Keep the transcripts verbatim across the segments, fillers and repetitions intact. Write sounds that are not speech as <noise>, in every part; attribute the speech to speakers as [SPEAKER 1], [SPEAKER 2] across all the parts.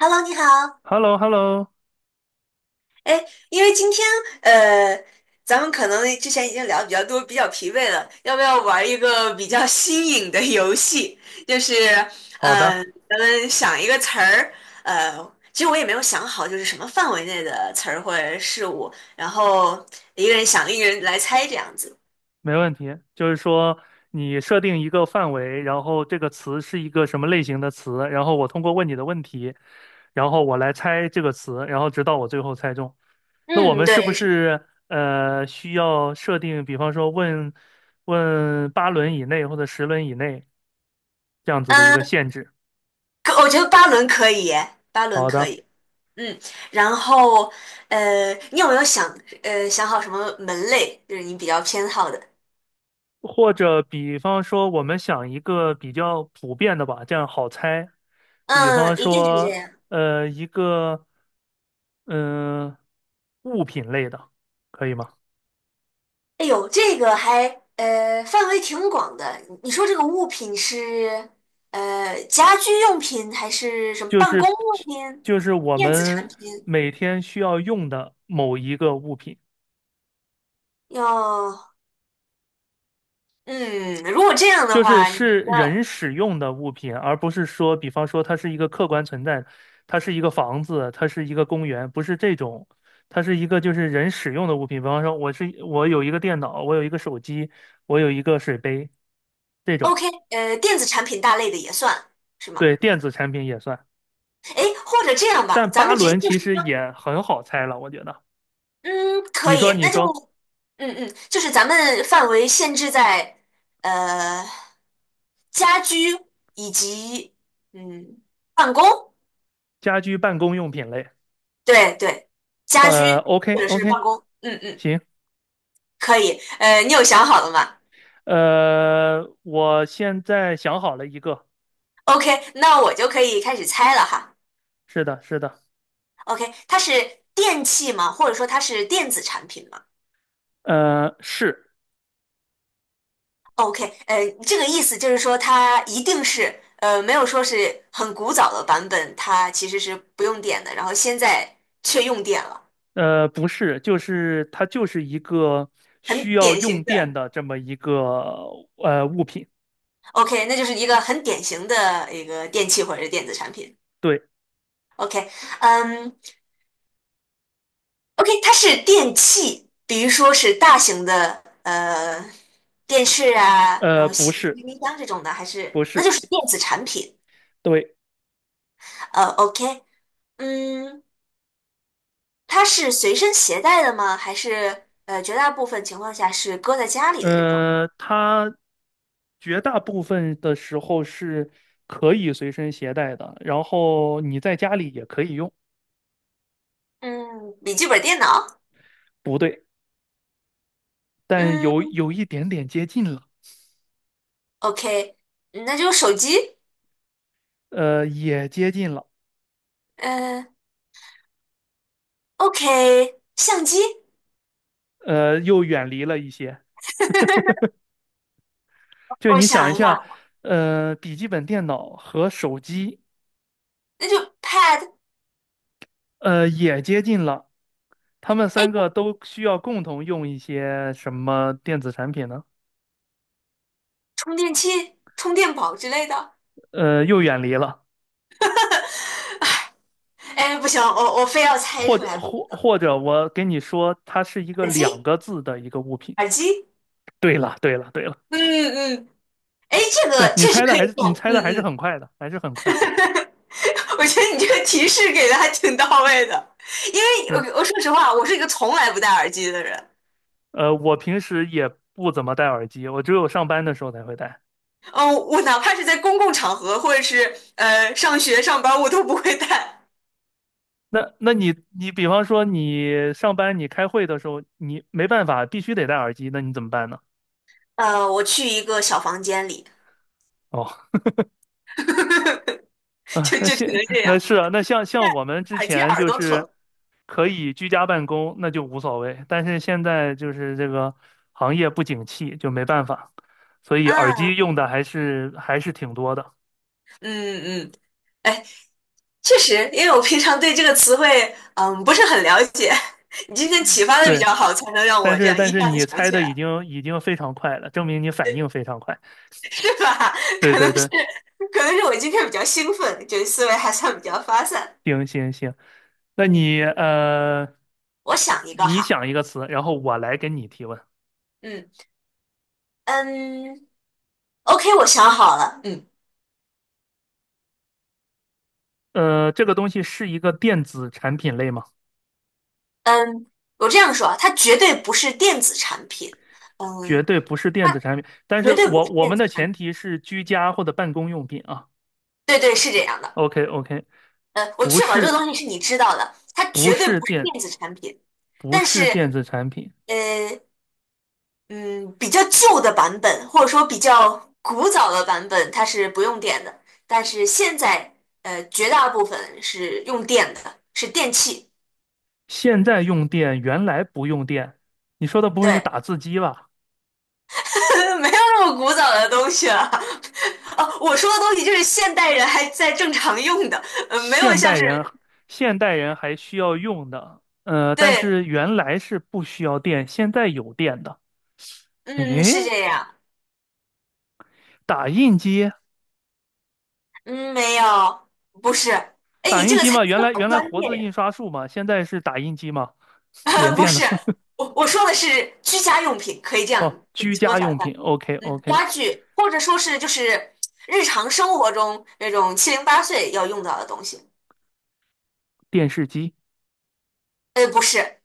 [SPEAKER 1] Hello，你好。
[SPEAKER 2] h e l l o h e l l o
[SPEAKER 1] 哎，因为今天呃，咱们可能之前已经聊得比较多，比较疲惫了，要不要玩一个比较新颖的游戏？就是
[SPEAKER 2] 好
[SPEAKER 1] 呃，
[SPEAKER 2] 的，
[SPEAKER 1] 咱们想一个词儿，呃，其实我也没有想好，就是什么范围内的词儿或者事物，然后一个人想，一个人来猜这样子。
[SPEAKER 2] 没问题。就是说，你设定一个范围，然后这个词是一个什么类型的词，然后我通过问你的问题，然后我来猜这个词，然后直到我最后猜中。那我
[SPEAKER 1] 嗯，
[SPEAKER 2] 们是不
[SPEAKER 1] 对，是，
[SPEAKER 2] 是呃需要设定，比方说问问八轮以内或者十轮以内这样子的一个
[SPEAKER 1] 嗯、
[SPEAKER 2] 限制？
[SPEAKER 1] 可我觉得八轮可以耶，八轮
[SPEAKER 2] 好
[SPEAKER 1] 可
[SPEAKER 2] 的。
[SPEAKER 1] 以。嗯，然后呃，你有没有想呃想好什么门类，就是你比较偏好的？
[SPEAKER 2] 或者比方说，我们想一个比较普遍的吧，这样好猜。比
[SPEAKER 1] 嗯，
[SPEAKER 2] 方
[SPEAKER 1] 一定是这
[SPEAKER 2] 说，
[SPEAKER 1] 样。
[SPEAKER 2] 呃，一个嗯、呃物品类的，可以吗？
[SPEAKER 1] 哎呦，这个还呃范围挺广的。你你说这个物品是呃家居用品还是什么
[SPEAKER 2] 就
[SPEAKER 1] 办
[SPEAKER 2] 是
[SPEAKER 1] 公用品、
[SPEAKER 2] 就是我
[SPEAKER 1] 电子产
[SPEAKER 2] 们
[SPEAKER 1] 品？
[SPEAKER 2] 每天需要用的某一个物品。
[SPEAKER 1] 要嗯，如果这样的
[SPEAKER 2] 就是
[SPEAKER 1] 话，你的
[SPEAKER 2] 是人使用的物品，而不是说，比方说它是一个客观存在，它是一个房子，它是一个公园，不是这种，它是一个就是人使用的物品。比方说，我是我有一个电脑，我有一个手机，我有一个水杯，这种，
[SPEAKER 1] OK 呃电子产品大类的也算是吗？
[SPEAKER 2] 对，电子产品也算。
[SPEAKER 1] 哎，或者这样吧，
[SPEAKER 2] 但
[SPEAKER 1] 咱
[SPEAKER 2] 八
[SPEAKER 1] 们直接
[SPEAKER 2] 轮
[SPEAKER 1] 就
[SPEAKER 2] 其实
[SPEAKER 1] 说。
[SPEAKER 2] 也很好猜了，我觉得。
[SPEAKER 1] 嗯，可
[SPEAKER 2] 你说，
[SPEAKER 1] 以，
[SPEAKER 2] 你
[SPEAKER 1] 那就，
[SPEAKER 2] 说，
[SPEAKER 1] 嗯嗯，就是咱们范围限制在呃家居以及嗯办公，
[SPEAKER 2] 家居办公用品类，
[SPEAKER 1] 对对，家居
[SPEAKER 2] 呃，OK
[SPEAKER 1] 或者是
[SPEAKER 2] OK,
[SPEAKER 1] 办公，嗯嗯，
[SPEAKER 2] 行，
[SPEAKER 1] 可以，呃，你有想好了吗
[SPEAKER 2] 呃，我现在想好了一个，
[SPEAKER 1] ？OK，那我就可以开始猜了哈。
[SPEAKER 2] 是的，是的。
[SPEAKER 1] OK，它是电器吗？或者说它是电子产品吗？
[SPEAKER 2] 呃，是，
[SPEAKER 1] OK，呃，这个意思就是说，它一定是呃，没有说是很古早的版本，它其实是不用电的，然后现在却用电了，
[SPEAKER 2] 呃，不是，就是它就是一个
[SPEAKER 1] 很
[SPEAKER 2] 需要
[SPEAKER 1] 典
[SPEAKER 2] 用
[SPEAKER 1] 型
[SPEAKER 2] 电
[SPEAKER 1] 的。
[SPEAKER 2] 的这么一个呃物品，
[SPEAKER 1] OK，那就是一个很典型的一个电器或者是电子产品。
[SPEAKER 2] 对，
[SPEAKER 1] OK，嗯，OK，它是电器，比如说是大型的呃电视啊，然
[SPEAKER 2] 呃，
[SPEAKER 1] 后
[SPEAKER 2] 不
[SPEAKER 1] 洗衣
[SPEAKER 2] 是，
[SPEAKER 1] 机、冰箱这种的，还是
[SPEAKER 2] 不
[SPEAKER 1] 那就
[SPEAKER 2] 是，
[SPEAKER 1] 是电子产品。
[SPEAKER 2] 对，
[SPEAKER 1] 呃，OK，嗯。它是随身携带的吗？还是呃，绝大部分情况下是搁在家里的这种？
[SPEAKER 2] 呃，它绝大部分的时候是可以随身携带的，然后你在家里也可以用，
[SPEAKER 1] 嗯，笔记本电脑。
[SPEAKER 2] 不对，但有
[SPEAKER 1] 嗯
[SPEAKER 2] 有一点点接近了，
[SPEAKER 1] ，OK，嗯那就手机。
[SPEAKER 2] 呃，也接近了，
[SPEAKER 1] 嗯，OK，相机。
[SPEAKER 2] 呃，又远离了一些。
[SPEAKER 1] <laughs>
[SPEAKER 2] 就
[SPEAKER 1] 我
[SPEAKER 2] 你想一
[SPEAKER 1] 想一下，
[SPEAKER 2] 下，呃，笔记本电脑和手机。
[SPEAKER 1] 那就 Pad。
[SPEAKER 2] 呃，也接近了。他们
[SPEAKER 1] 哎，
[SPEAKER 2] 三个都需要共同用一些什么电子产品呢？
[SPEAKER 1] 充电器、充电宝之类的。
[SPEAKER 2] 呃，又远离了，
[SPEAKER 1] 哎，不行，我我非要猜
[SPEAKER 2] 或
[SPEAKER 1] 出
[SPEAKER 2] 者
[SPEAKER 1] 来不
[SPEAKER 2] 或
[SPEAKER 1] 可。
[SPEAKER 2] 或者我给你说，它是一个
[SPEAKER 1] 耳
[SPEAKER 2] 两
[SPEAKER 1] 机，
[SPEAKER 2] 个字的一个物品。
[SPEAKER 1] 耳机。
[SPEAKER 2] 对了，对了，对了，
[SPEAKER 1] 嗯嗯，哎，这
[SPEAKER 2] 对，
[SPEAKER 1] 个
[SPEAKER 2] 你
[SPEAKER 1] 确实
[SPEAKER 2] 猜的
[SPEAKER 1] 可
[SPEAKER 2] 还
[SPEAKER 1] 以
[SPEAKER 2] 是
[SPEAKER 1] 算。
[SPEAKER 2] 你猜的
[SPEAKER 1] 嗯
[SPEAKER 2] 还是
[SPEAKER 1] 嗯。
[SPEAKER 2] 很快的，还是很快。
[SPEAKER 1] <laughs> 我觉得你这个提示给的还挺到位的，因为
[SPEAKER 2] 对，
[SPEAKER 1] 我我说实话，我是一个从来不戴耳机的人。
[SPEAKER 2] 呃，我平时也不怎么戴耳机，我只有上班的时候才会戴。
[SPEAKER 1] 嗯，我哪怕是在公共场合，或者是呃上学上班，我都不会戴。
[SPEAKER 2] 那那你你比方说你上班你开会的时候，你没办法必须得戴耳机，那你怎么办呢？
[SPEAKER 1] 呃，我去一个小房间里，
[SPEAKER 2] 哦。
[SPEAKER 1] <laughs>
[SPEAKER 2] 啊，
[SPEAKER 1] 就
[SPEAKER 2] 那
[SPEAKER 1] 就只
[SPEAKER 2] 现
[SPEAKER 1] 能这
[SPEAKER 2] 那
[SPEAKER 1] 样。
[SPEAKER 2] 是啊，那像
[SPEAKER 1] 戴
[SPEAKER 2] 像我们之
[SPEAKER 1] 耳机
[SPEAKER 2] 前
[SPEAKER 1] 耳
[SPEAKER 2] 就
[SPEAKER 1] 朵
[SPEAKER 2] 是
[SPEAKER 1] 疼
[SPEAKER 2] 可以居家办公，那就无所谓。但是现在就是这个行业不景气，就没办法，所以耳机
[SPEAKER 1] 啊，
[SPEAKER 2] 用的还是还是挺多的。
[SPEAKER 1] 嗯嗯，哎，确实，因为我平常对这个词汇嗯不是很了解，<laughs> 你今天启发的比
[SPEAKER 2] 对，
[SPEAKER 1] 较好，才能让
[SPEAKER 2] 但
[SPEAKER 1] 我这
[SPEAKER 2] 是
[SPEAKER 1] 样
[SPEAKER 2] 但
[SPEAKER 1] 一
[SPEAKER 2] 是
[SPEAKER 1] 下子
[SPEAKER 2] 你
[SPEAKER 1] 想
[SPEAKER 2] 猜
[SPEAKER 1] 起
[SPEAKER 2] 的已
[SPEAKER 1] 来。
[SPEAKER 2] 经已经非常快了，证明你反应非常快。
[SPEAKER 1] 是吧？<laughs>
[SPEAKER 2] 对
[SPEAKER 1] 可
[SPEAKER 2] 对
[SPEAKER 1] 能是，
[SPEAKER 2] 对，
[SPEAKER 1] 可能是我今天比较兴奋，就得思维还算比较发散。
[SPEAKER 2] 行行行，那你呃，
[SPEAKER 1] 我想一个
[SPEAKER 2] 你
[SPEAKER 1] 哈，
[SPEAKER 2] 想一个词，然后我来给你提问。
[SPEAKER 1] 嗯嗯，OK，我想好了，嗯
[SPEAKER 2] 呃，这个东西是一个电子产品类吗？
[SPEAKER 1] 嗯，我这样说啊，它绝对不是电子产品，
[SPEAKER 2] 绝
[SPEAKER 1] 嗯，
[SPEAKER 2] 对不是电
[SPEAKER 1] 它
[SPEAKER 2] 子产品，但是
[SPEAKER 1] 绝对不
[SPEAKER 2] 我
[SPEAKER 1] 是
[SPEAKER 2] 我
[SPEAKER 1] 电
[SPEAKER 2] 们
[SPEAKER 1] 子
[SPEAKER 2] 的
[SPEAKER 1] 产
[SPEAKER 2] 前
[SPEAKER 1] 品，
[SPEAKER 2] 提是居家或者办公用品啊。
[SPEAKER 1] 对对，是这样的，
[SPEAKER 2] OK OK,
[SPEAKER 1] 呃，我
[SPEAKER 2] 不
[SPEAKER 1] 确保这个
[SPEAKER 2] 是
[SPEAKER 1] 东西是你知道的，它
[SPEAKER 2] 不
[SPEAKER 1] 绝对
[SPEAKER 2] 是
[SPEAKER 1] 不是
[SPEAKER 2] 电
[SPEAKER 1] 电子产品，
[SPEAKER 2] 不
[SPEAKER 1] 但是
[SPEAKER 2] 是电子产品，
[SPEAKER 1] 呃，嗯，比较旧的版本，或者说比较古早的版本，它是不用电的。但是现在，呃，绝大部分是用电的，是电器。
[SPEAKER 2] 现在用电，原来不用电。你说的不会是
[SPEAKER 1] 对，
[SPEAKER 2] 打字机吧？
[SPEAKER 1] <laughs> 没有那么古早的东西了。<laughs> 哦，我说的东西就是现代人还在正常用的，嗯，没有
[SPEAKER 2] 现
[SPEAKER 1] 像
[SPEAKER 2] 代人
[SPEAKER 1] 是，
[SPEAKER 2] 现代人还需要用的，呃，但
[SPEAKER 1] 对，
[SPEAKER 2] 是原来是不需要电，现在有电的。
[SPEAKER 1] 嗯，
[SPEAKER 2] 诶，
[SPEAKER 1] 是这样，
[SPEAKER 2] 打印机
[SPEAKER 1] 嗯，没有，不是。哎，
[SPEAKER 2] 打
[SPEAKER 1] 你这
[SPEAKER 2] 印
[SPEAKER 1] 个
[SPEAKER 2] 机
[SPEAKER 1] 猜
[SPEAKER 2] 嘛，原
[SPEAKER 1] 测
[SPEAKER 2] 来
[SPEAKER 1] 好
[SPEAKER 2] 原来
[SPEAKER 1] 专
[SPEAKER 2] 活
[SPEAKER 1] 业
[SPEAKER 2] 字
[SPEAKER 1] 呀。
[SPEAKER 2] 印刷术嘛，现在是打印机嘛，连
[SPEAKER 1] <laughs> 不
[SPEAKER 2] 电
[SPEAKER 1] 是，
[SPEAKER 2] 的。
[SPEAKER 1] 我我说的是居家用品，可以这样
[SPEAKER 2] 哦，
[SPEAKER 1] 给
[SPEAKER 2] 居
[SPEAKER 1] 你缩
[SPEAKER 2] 家
[SPEAKER 1] 小。一
[SPEAKER 2] 用品，OK
[SPEAKER 1] 嗯，
[SPEAKER 2] OK,
[SPEAKER 1] 家具，或者说是就是日常生活中那种七零八碎要用到的东西。
[SPEAKER 2] 电视机，
[SPEAKER 1] 呃，不是，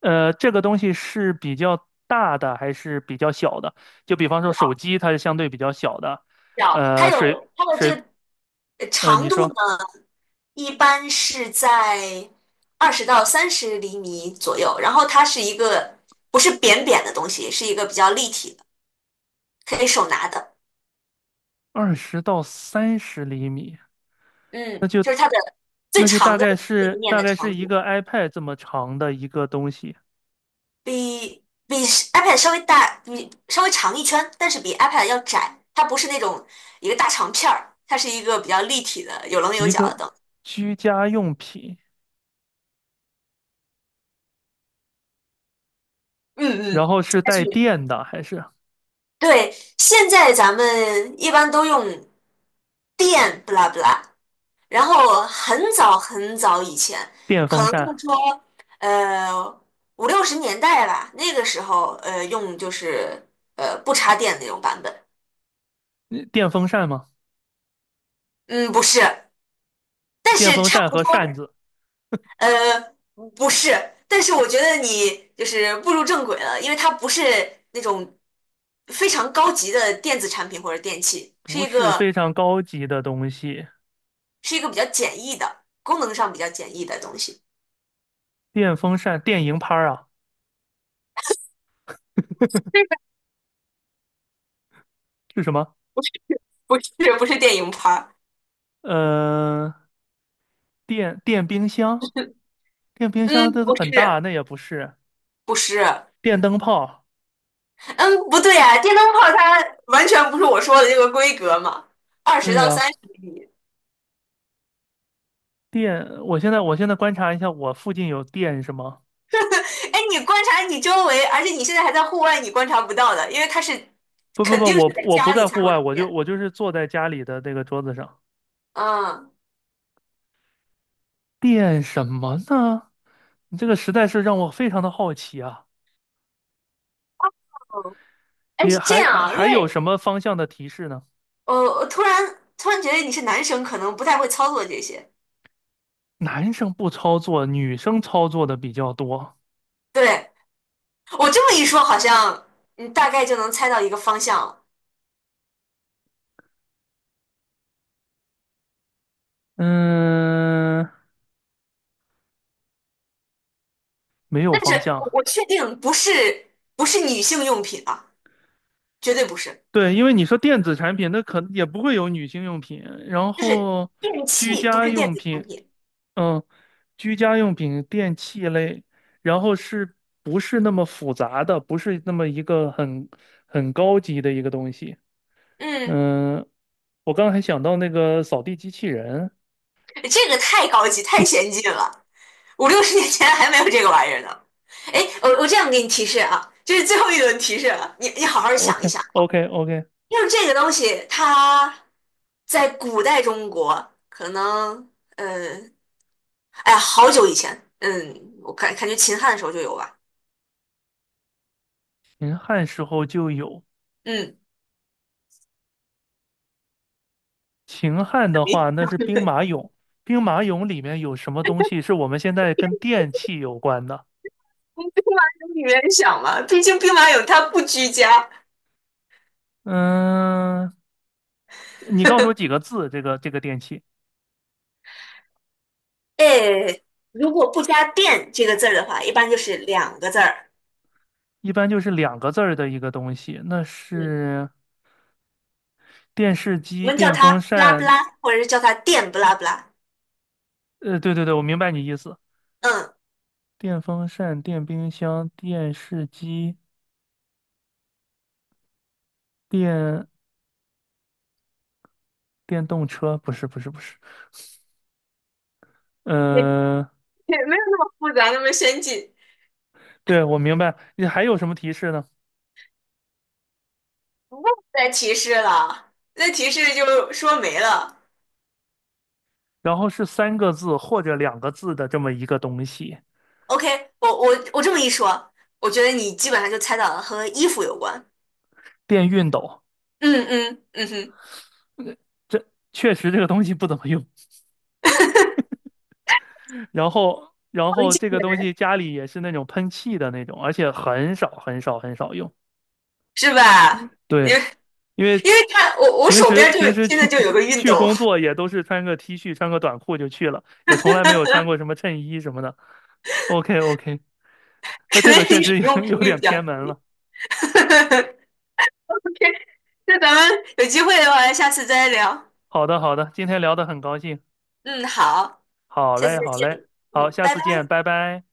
[SPEAKER 2] 呃，这个东西是比较大的还是比较小的？就比方说手
[SPEAKER 1] 表
[SPEAKER 2] 机，它是相对比较小的，
[SPEAKER 1] 表，它
[SPEAKER 2] 呃，
[SPEAKER 1] 有
[SPEAKER 2] 水，
[SPEAKER 1] 它的这个呃
[SPEAKER 2] 呃，
[SPEAKER 1] 长
[SPEAKER 2] 你
[SPEAKER 1] 度
[SPEAKER 2] 说
[SPEAKER 1] 呢，一般是在二十到三十厘米左右，然后它是一个不是扁扁的东西，是一个比较立体的，可以手拿的。
[SPEAKER 2] 二十到三十厘米，
[SPEAKER 1] 嗯，就是它的最
[SPEAKER 2] 那就
[SPEAKER 1] 长
[SPEAKER 2] 大
[SPEAKER 1] 的
[SPEAKER 2] 概
[SPEAKER 1] 那一
[SPEAKER 2] 是
[SPEAKER 1] 面
[SPEAKER 2] 大
[SPEAKER 1] 的
[SPEAKER 2] 概
[SPEAKER 1] 长
[SPEAKER 2] 是一
[SPEAKER 1] 度。
[SPEAKER 2] 个 iPad 这么长的一个东西，
[SPEAKER 1] 比比 iPad 稍微大，比稍微长一圈，但是比 iPad 要窄。它不是那种一个大长片儿，它是一个比较立体的、有棱有
[SPEAKER 2] 一
[SPEAKER 1] 角
[SPEAKER 2] 个
[SPEAKER 1] 的灯。
[SPEAKER 2] 居家用品，
[SPEAKER 1] 嗯
[SPEAKER 2] 然
[SPEAKER 1] 嗯，
[SPEAKER 2] 后
[SPEAKER 1] 家
[SPEAKER 2] 是带
[SPEAKER 1] 具，
[SPEAKER 2] 电的还是
[SPEAKER 1] 对，现在咱们一般都用电，不拉不拉。然后很早很早以前，
[SPEAKER 2] 电
[SPEAKER 1] 可
[SPEAKER 2] 风
[SPEAKER 1] 能就
[SPEAKER 2] 扇？
[SPEAKER 1] 说呃五六十年代吧，那个时候呃用就是呃不插电那种版本。
[SPEAKER 2] 嗯电风扇吗？
[SPEAKER 1] 嗯，不是，但
[SPEAKER 2] 电
[SPEAKER 1] 是
[SPEAKER 2] 风
[SPEAKER 1] 差
[SPEAKER 2] 扇
[SPEAKER 1] 不
[SPEAKER 2] 和
[SPEAKER 1] 多。
[SPEAKER 2] 扇子
[SPEAKER 1] 呃，不是，但是我觉得你就是步入正轨了，因为它不是那种非常高级的电子产品或者电器，是
[SPEAKER 2] 不
[SPEAKER 1] 一
[SPEAKER 2] 是
[SPEAKER 1] 个
[SPEAKER 2] 非常高级的东西。
[SPEAKER 1] 是一个比较简易的，功能上比较简易的东西。
[SPEAKER 2] 电风扇、电蝇拍儿啊，
[SPEAKER 1] 这个
[SPEAKER 2] 是什么？
[SPEAKER 1] 不是不是不是电影拍儿，
[SPEAKER 2] 呃，电电冰箱，电冰箱
[SPEAKER 1] 嗯，
[SPEAKER 2] 它
[SPEAKER 1] 不
[SPEAKER 2] 很大，
[SPEAKER 1] 是
[SPEAKER 2] 那也不是
[SPEAKER 1] 不是，
[SPEAKER 2] 电灯泡。
[SPEAKER 1] 嗯，不对啊，电灯泡它完全不是我说的这个规格嘛，二十
[SPEAKER 2] 对
[SPEAKER 1] 到
[SPEAKER 2] 呀，
[SPEAKER 1] 三十米。
[SPEAKER 2] 电，我现在我现在观察一下，我附近有电是吗？
[SPEAKER 1] 哎，你观察你周围，而且你现在还在户外，你观察不到的，因为它是
[SPEAKER 2] 不不
[SPEAKER 1] 肯
[SPEAKER 2] 不，
[SPEAKER 1] 定是
[SPEAKER 2] 我不
[SPEAKER 1] 在
[SPEAKER 2] 我不
[SPEAKER 1] 家里
[SPEAKER 2] 在
[SPEAKER 1] 才
[SPEAKER 2] 户
[SPEAKER 1] 会
[SPEAKER 2] 外，
[SPEAKER 1] 出
[SPEAKER 2] 我
[SPEAKER 1] 现
[SPEAKER 2] 就
[SPEAKER 1] 的。
[SPEAKER 2] 我就是坐在家里的那个桌子上。
[SPEAKER 1] 嗯，
[SPEAKER 2] 电什么呢？你这个实在是让我非常的好奇啊！
[SPEAKER 1] 哎，
[SPEAKER 2] 你
[SPEAKER 1] 是这
[SPEAKER 2] 还
[SPEAKER 1] 样
[SPEAKER 2] 呃
[SPEAKER 1] 啊，因
[SPEAKER 2] 还有
[SPEAKER 1] 为
[SPEAKER 2] 什么方向的提示呢？
[SPEAKER 1] 呃，我突然突然觉得你是男生，可能不太会操作这些。
[SPEAKER 2] 男生不操作，女生操作的比较多。
[SPEAKER 1] 对，我这么一说，好像你大概就能猜到一个方向了。
[SPEAKER 2] 嗯，没有
[SPEAKER 1] 但是
[SPEAKER 2] 方
[SPEAKER 1] 我
[SPEAKER 2] 向。
[SPEAKER 1] 我确定不是不是女性用品啊，绝对不是，
[SPEAKER 2] 对，因为你说电子产品，那可能也不会有女性用品，然
[SPEAKER 1] 就是
[SPEAKER 2] 后
[SPEAKER 1] 电
[SPEAKER 2] 居
[SPEAKER 1] 器，不
[SPEAKER 2] 家
[SPEAKER 1] 是电
[SPEAKER 2] 用
[SPEAKER 1] 子产
[SPEAKER 2] 品，
[SPEAKER 1] 品。
[SPEAKER 2] 嗯，居家用品、电器类，然后是不是那么复杂的，不是那么一个很很高级的一个东西。
[SPEAKER 1] 嗯，
[SPEAKER 2] 嗯，我刚才想到那个扫地机器人
[SPEAKER 1] 这个太高级，太先进了，五六十年前还没有这个玩意儿呢。哎，我我这样给你提示啊，这是最后一轮提示了，你你好好想一
[SPEAKER 2] ，OK
[SPEAKER 1] 想。
[SPEAKER 2] OK OK,
[SPEAKER 1] 因为这个东西，它在古代中国可能，嗯，哎呀好久以前，嗯，我感感觉秦汉的时候就有吧，
[SPEAKER 2] 秦汉时候就有，
[SPEAKER 1] 嗯，
[SPEAKER 2] 秦汉的话那
[SPEAKER 1] <laughs>
[SPEAKER 2] 是兵马俑，兵马俑里面有什么东西是我们现在跟电器有关的？
[SPEAKER 1] 从兵马俑里面想嘛，毕竟兵马俑它不居家，
[SPEAKER 2] 嗯，你告诉我几个字？这个这个电器
[SPEAKER 1] 哎，如果不加“殿”这个字儿的话，一般就是两个字儿，
[SPEAKER 2] 一般就是两个字儿的一个东西，那
[SPEAKER 1] 嗯，
[SPEAKER 2] 是电视
[SPEAKER 1] 我
[SPEAKER 2] 机、
[SPEAKER 1] 们叫
[SPEAKER 2] 电
[SPEAKER 1] 它
[SPEAKER 2] 风
[SPEAKER 1] “不拉不
[SPEAKER 2] 扇。
[SPEAKER 1] 拉”，或者是叫它“殿不拉不拉”，
[SPEAKER 2] 呃，对对对，我明白你意思。
[SPEAKER 1] 嗯，
[SPEAKER 2] 电风扇、电冰箱、电视机、电电动车，不是不是不是。
[SPEAKER 1] <laughs> 也
[SPEAKER 2] 呃，
[SPEAKER 1] 也没有那么复杂，那么先进，
[SPEAKER 2] 对，我明白。你还有什么提示呢？
[SPEAKER 1] 不再提示了，再提示就说没了。
[SPEAKER 2] 然后是三个字或者两个字的这么一个东西，
[SPEAKER 1] OK，我我我这么一说，我觉得你基本上就猜到了和衣服有关。
[SPEAKER 2] 电熨斗。
[SPEAKER 1] 嗯嗯嗯哼，
[SPEAKER 2] 这确实这个东西不怎么用。然后然
[SPEAKER 1] 文
[SPEAKER 2] 后
[SPEAKER 1] 静
[SPEAKER 2] 这
[SPEAKER 1] 的
[SPEAKER 2] 个东
[SPEAKER 1] 人
[SPEAKER 2] 西家里也是那种喷气的那种，而且很少很少很少用。
[SPEAKER 1] 是吧？因
[SPEAKER 2] 对，
[SPEAKER 1] 为
[SPEAKER 2] 因为
[SPEAKER 1] 因为看我我
[SPEAKER 2] 平
[SPEAKER 1] 手
[SPEAKER 2] 时
[SPEAKER 1] 边就
[SPEAKER 2] 平
[SPEAKER 1] 有
[SPEAKER 2] 时
[SPEAKER 1] 现在
[SPEAKER 2] 去
[SPEAKER 1] 就有个
[SPEAKER 2] <laughs>
[SPEAKER 1] 熨
[SPEAKER 2] 去
[SPEAKER 1] 斗，
[SPEAKER 2] 工作也都是穿个 T 恤穿个短裤就去了，也从来没有穿过什么衬衣什么的。OK OK，<laughs> 那
[SPEAKER 1] 可
[SPEAKER 2] 这
[SPEAKER 1] 能
[SPEAKER 2] 个确
[SPEAKER 1] 你使
[SPEAKER 2] 实有
[SPEAKER 1] 用
[SPEAKER 2] <laughs> 有
[SPEAKER 1] 频率
[SPEAKER 2] 点
[SPEAKER 1] 比较
[SPEAKER 2] 偏门
[SPEAKER 1] 低。
[SPEAKER 2] 了。
[SPEAKER 1] <laughs> OK，那咱们有机会的话，下次再聊。
[SPEAKER 2] 好的好的，今天聊得很高兴。
[SPEAKER 1] 嗯，好，
[SPEAKER 2] 好
[SPEAKER 1] 下次
[SPEAKER 2] 嘞
[SPEAKER 1] 再
[SPEAKER 2] 好
[SPEAKER 1] 见。
[SPEAKER 2] 嘞，好，
[SPEAKER 1] 嗯，
[SPEAKER 2] 下
[SPEAKER 1] 拜
[SPEAKER 2] 次
[SPEAKER 1] 拜。
[SPEAKER 2] 见，拜拜。